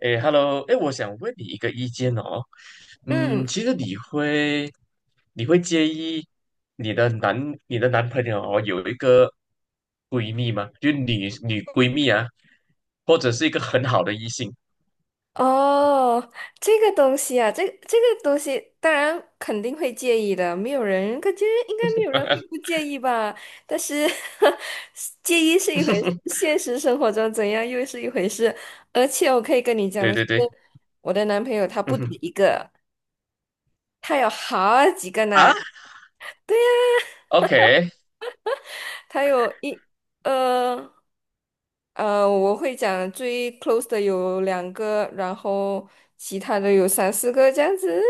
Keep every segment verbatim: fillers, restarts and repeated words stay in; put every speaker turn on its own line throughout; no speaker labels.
哎 h e l l o 哎，我想问你一个意见哦。嗯，
嗯，
其实你会，你会介意你的男，你的男朋友哦有一个闺蜜吗？就女女闺蜜啊，或者是一个很好的异性？
哦，这个东西啊，这这个东西当然肯定会介意的，没有人，感觉应该没有人会不介意吧？但是 介意是一回事，现实生活中怎样又是一回事。而且我可以跟你讲
对
的是，
对对，
我的男朋友他不
嗯
止
哼
一个，他有好几个呢，
啊，OK，
他有一呃呃，我会讲最 close 的有两个，然后其他的有三四个这样子。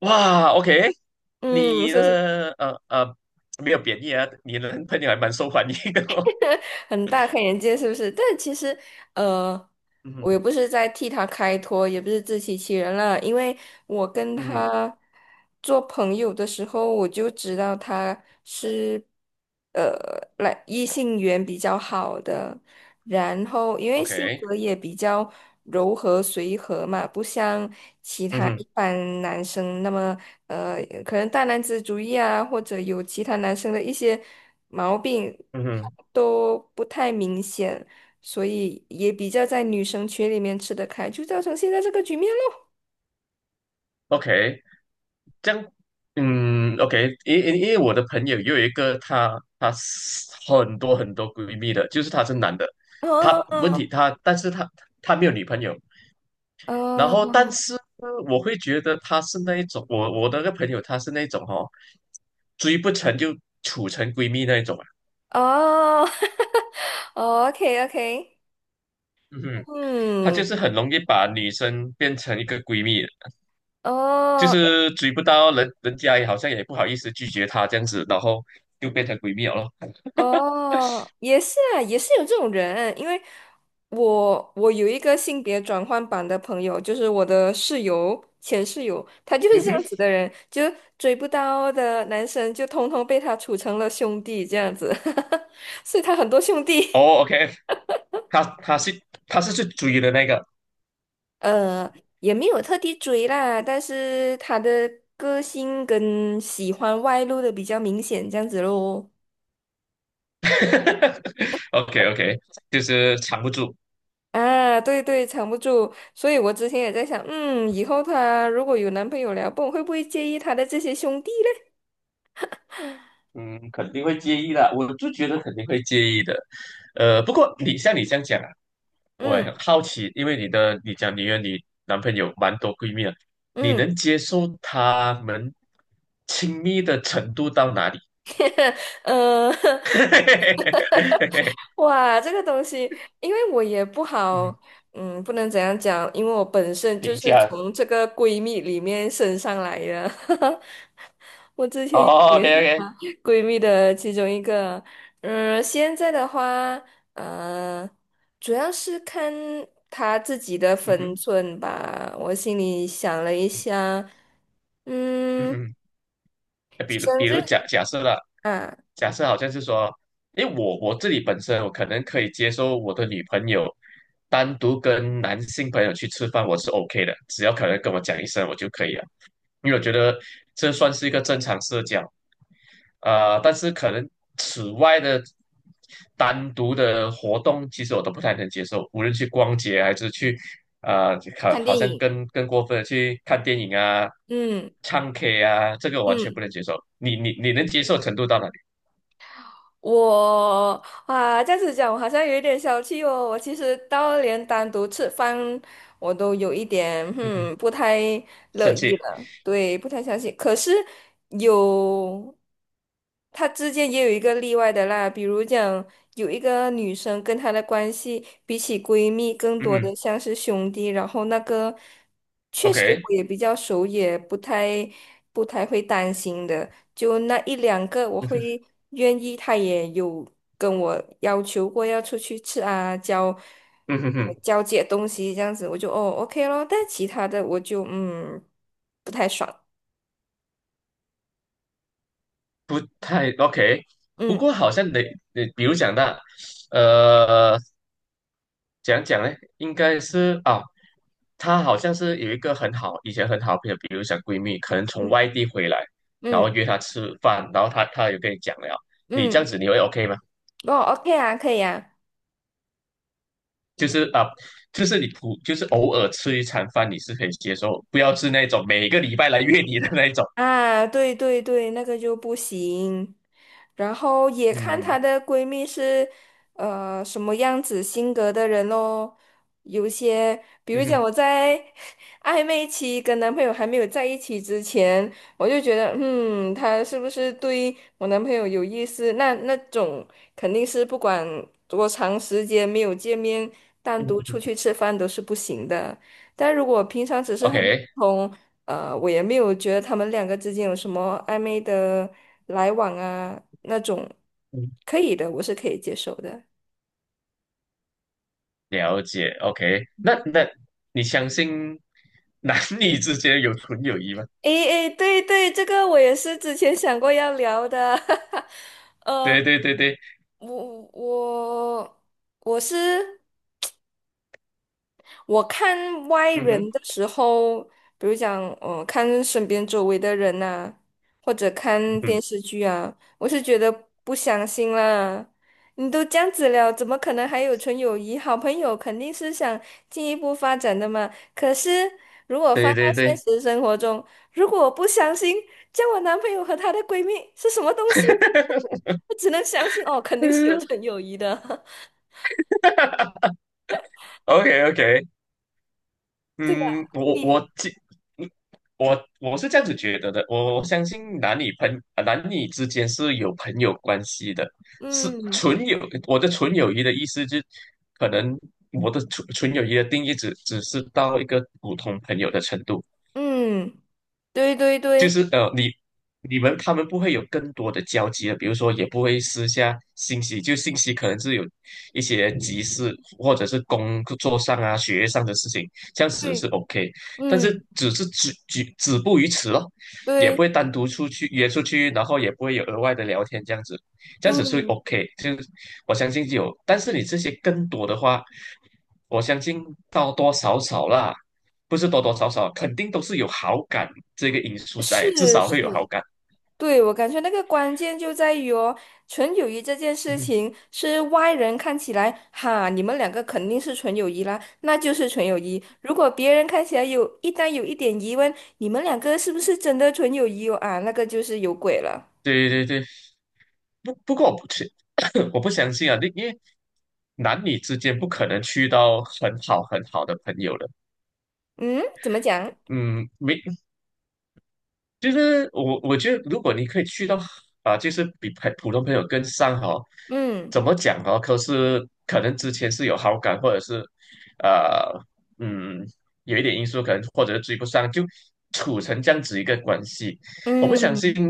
哇，OK，
嗯，
你
是不是。
的呃呃没有贬义啊，你的男朋友还蛮受欢迎的哦。
很大开眼界，是不是？但其实，呃，
嗯哼，
我也不是在替他开脱，也不是自欺欺人啦，因为我跟
嗯哼
他做朋友的时候，我就知道他是呃，来异性缘比较好的，然后因为性
，OK，
格也比较柔和随和嘛，不像其
嗯
他一
哼，
般男生那么呃，可能大男子主义啊，或者有其他男生的一些毛病
嗯哼
都不太明显。所以也比较在女生群里面吃得开，就造成现在这个局面咯。
，OK。这样，嗯，OK，因因因为我的朋友也有一个她，她是很多很多闺蜜的，就是她是男的，她问
哦
题她，但是她她没有女朋友，然
哦
后 但是我会觉得她是那一种，我我的那个朋友她是那种哦，追不成就处成闺蜜那一种啊，
哦哦，OK OK，
嗯 哼，她就
嗯，
是很容易把女生变成一个闺蜜，就
哦诶
是追不到人，人家也好像也不好意思拒绝她这样子，然后就变成闺蜜了咯，
哦，也是啊，也是有这种人，因为我我有一个性别转换版的朋友，就是我的室友。前室友，他就是
嗯
这样
哼。
子的人，就追不到的男生，就通通被他处成了兄弟这样子，所以他很多兄弟。
哦，OK，他他是他是去追的那个
呃，也没有特地追啦，但是她的个性跟喜欢外露的比较明显，这样子咯。
，OK OK，就是藏不住，
啊，对对，藏不住，所以我之前也在想，嗯，以后她如果有男朋友了，不懂会不会介意她的这些兄弟嘞？
嗯，肯定会介意的，我就觉得肯定会介意的，呃，不过你像你这样讲啊，我也很
嗯
好奇，因为你的你讲你和你男朋友蛮多闺蜜啊，你
嗯，
能接受他们亲密的程度到哪里？
呃，哇，这个东西，因为我也不好，
嗯，
嗯，不能怎样讲，因为我本身就
评
是
价
从这个闺蜜里面升上来的，
哦
也
，OK OK，
闺蜜的其中一个。嗯，现在的话，呃，主要是看她自己的
嗯
分
哼，
寸吧。我心里想了一
嗯
下，
嗯
嗯，
哼。呃比如
生
比
日
如假假设了，
啊，
假设好像是说，因为我我自己本身我可能可以接受我的女朋友单独跟男性朋友去吃饭，我是 OK 的，只要可能跟我讲一声我就可以了，因为我觉得这算是一个正常社交。呃，但是可能此外的单独的活动，其实我都不太能接受，无论去逛街还是去，呃，好，
看
好
电
像
影，
更更过分的去看电影啊、
嗯
唱 K 啊，这个我完全
嗯。
不能接受。你你你能接受程度到哪里？
我啊，这样子讲，我好像有一点小气哦。我其实到连单独吃饭，我都有一点，
嗯哼，
嗯，不太乐
生气，
意了。对，不太相信。可是有，他之间也有一个例外的啦，比如讲有一个女生跟她的关系比起闺蜜更
嗯
多
哼
的像是兄弟，然后那个确实
，OK，
我也比较熟，也不太不太会担心的，就那一两个我
嗯哼，
会愿意，她也有跟我要求过要出去吃啊，交。
嗯哼
我
哼，
交接东西这样子，我就哦 OK 咯，但其他的我就嗯不太爽，
不太 OK。不过
嗯
好像得，你比如讲到，呃。讲讲呢，应该是啊，她好像是有一个很好，以前很好的朋友，比如讲闺蜜，可能从
嗯
外地回来，然后
嗯
约她吃饭，然后她她有跟你讲了，你这样
嗯，
子你会 OK 吗？
哦 OK 啊，可以啊。
就是啊，就是你普就是偶尔吃一餐饭，你是可以接受，不要是那种每个礼拜来约你的那一种。
啊，对对对，那个就不行。然后也看
嗯
她的闺蜜是呃什么样子性格的人咯。有些，比
嗯
如讲
哼
我在 暧昧期跟男朋友还没有在一起之前，我就觉得，嗯，他是不是对我男朋友有意思？那那种肯定是不管多长时间没有见面，单
嗯
独出
哼
去吃饭都是不行的。但如果平常只是很普
，OK，
通。呃，我也没有觉得他们两个之间有什么暧昧的来往啊，那种
嗯
可以的，我是可以接受的。
了解 OK，那那你相信男女之间有纯友谊吗？
诶诶，对对，这个我也是之前想过要聊的，呃，
对对对对，
我我我是。我看外
嗯哼
人的时候，比如讲，呃，看身边周围的人呐、或者
嗯
看电
哼。
视剧啊，我是觉得不相信啦。你都这样子了，怎么可能还有纯友谊？好朋友肯定是想进一步发展的嘛。可是如果放
对
到
对
现
对，
实生活中，如果我不相信，叫我男朋友和她的闺蜜是什么东西，我只能相信哦，肯定是有纯 友谊的，
哈哈 OK OK，
对吧？
嗯，我
你，
我记，嗯我我是这样子觉得的，我我相信男女朋呃男女之间是有朋友关系的，是
嗯
纯友。我的纯友谊的意思就可能我的纯纯友谊的定义只只是到一个普通朋友的程度。
嗯。对对
就
对
是呃，你你们他们不会有更多的交集了，比如说也不会私下信息，就信息可能是有一些急事或者是工作上啊、学业上的事情，这样子是
对，
OK，但是
嗯，
只是止止止步于此咯，也不
对
会单独出去约出去，然后也不会有额外的聊天这样子，这样子是
对，
OK，就我相信有，但是你这些更多的话，我相信多多少少啦，不是多多少少，肯定都是有好感这个因素在，至
是
少会有好
是，
感。
对，我感觉那个关键就在于哦，纯友谊这件
嗯
事
哼
情是外人看起来，哈，你们两个肯定是纯友谊啦，那就是纯友谊。如果别人看起来有一旦有一点疑问，你们两个是不是真的纯友谊哦？啊，那个就是有鬼了。
对对对，不不过我不去，我不相信啊，因因为男女之间不可能去到很好很好的朋友的，
嗯，怎么讲？
嗯，没就是我，我觉得如果你可以去到啊，就是比普普通朋友更上哈，
嗯
怎么讲哦？可是可能之前是有好感，或者是呃，嗯，有一点因素，可能或者是追不上，就处成这样子一个关系。我不相信，
嗯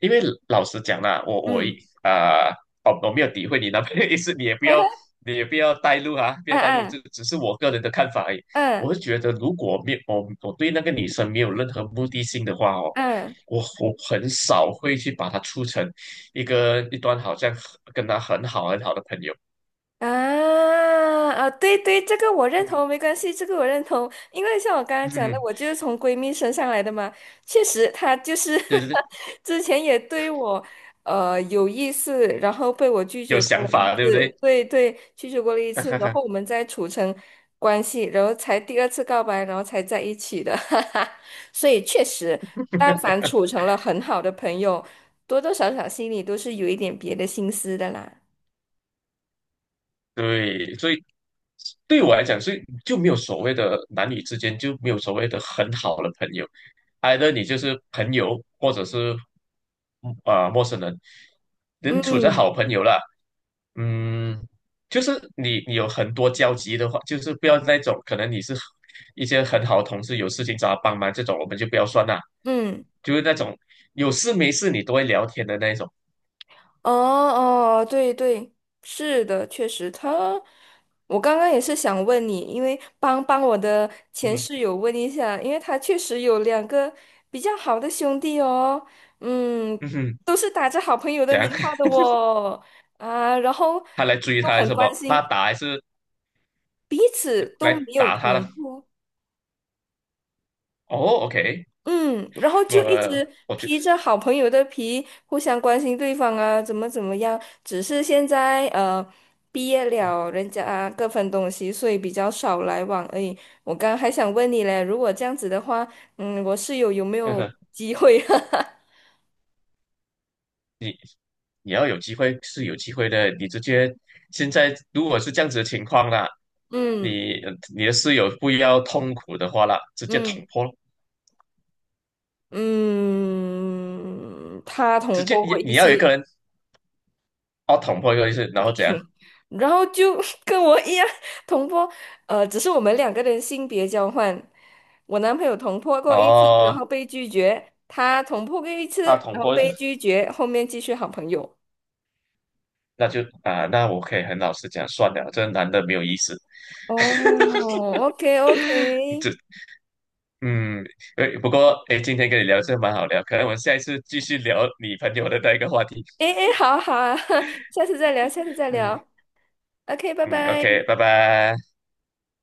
因为老实讲啦，我我一
嗯，
啊、哦，我没有诋毁你男朋友意思，你也不要，你也不要带路啊，不要带路，
嗯
这只是我个人的看法而已。
嗯嗯
我是觉得，如果没有我我对那个女生没有任何目的性的话哦，
嗯。
我我很少会去把她处成一个一段好像很跟她很好很好的朋友。
啊啊，对对，这个我认
嗯
同，没关系，这个我认同，因为像我刚刚讲
嗯，
的，
嗯
我就是从闺蜜身上来的嘛，确实，她就是
就是
之前也对我呃有意思，然后被我拒
有
绝过
想
了一
法，对不
次，
对？
对对，拒绝过了一次，然后 我们再处成关系，然后才第二次告白，然后才在一起的，哈哈，所以确实，但凡处成了很好的朋友，多多少少心里都是有一点别的心思的啦，
对，所以对我来讲，所以就没有所谓的男女之间就没有所谓的很好的朋友 e i 你就是朋友，或者是啊、呃陌生人，能处成
嗯
好朋友了。嗯，就是你你有很多交集的话，就是不要那种可能你是一些很好的同事，有事情找他帮忙这种，我们就不要算啦。
嗯。
就是那种有事没事你都会聊天的那一种。
哦哦，对对，是的，确实他，我刚刚也是想问你，因为帮帮我的
嗯
前
哼
室友问一下，因为他确实有两个比较好的兄弟哦，嗯，
嗯哼，
都是打着好朋友的
怎
名
样？
号 的哦，啊，然后
他来追
都
他还是
很
什么？
关心，
他打还是
彼此都
来
没有
打他
捅
了。
破
哦，OK，
嗯，然后就一
我
直
我觉得
披着好朋友的皮，互相关心对方啊，怎么怎么样。只是现在呃，毕业了，人家啊各分东西，所以比较少来往而已。我刚还想问你嘞，如果这样子的话，嗯，我室友有没有 机会？
你要有机会是有机会的。你直接现在如果是这样子的情况啦，
嗯
你你的室友不要痛苦的话啦，直接捅
嗯
破咯，
嗯，他
直
捅
接
破过
你
一
你要有一
次。
个人哦捅破一个意思，然后怎样？
然后就 跟我一样同坡，呃，只是我们两个人性别交换。我男朋友同坡过一次，然
哦，
后被拒绝；他同坡过一次，
他捅
然后
破一次，
被拒绝，后面继续好朋友。
那就啊、那我可以很老实讲，算了，这个男的没有意思。
哦，OK OK，
这嗯，诶不过哎，诶今天跟你聊这蛮好聊，可能我们下一次继续聊你朋友的那一个话题。
哎哎诶，好好啊，下次再聊，下次再
嗯。
聊，OK，拜
嗯
拜。
，OK，拜拜。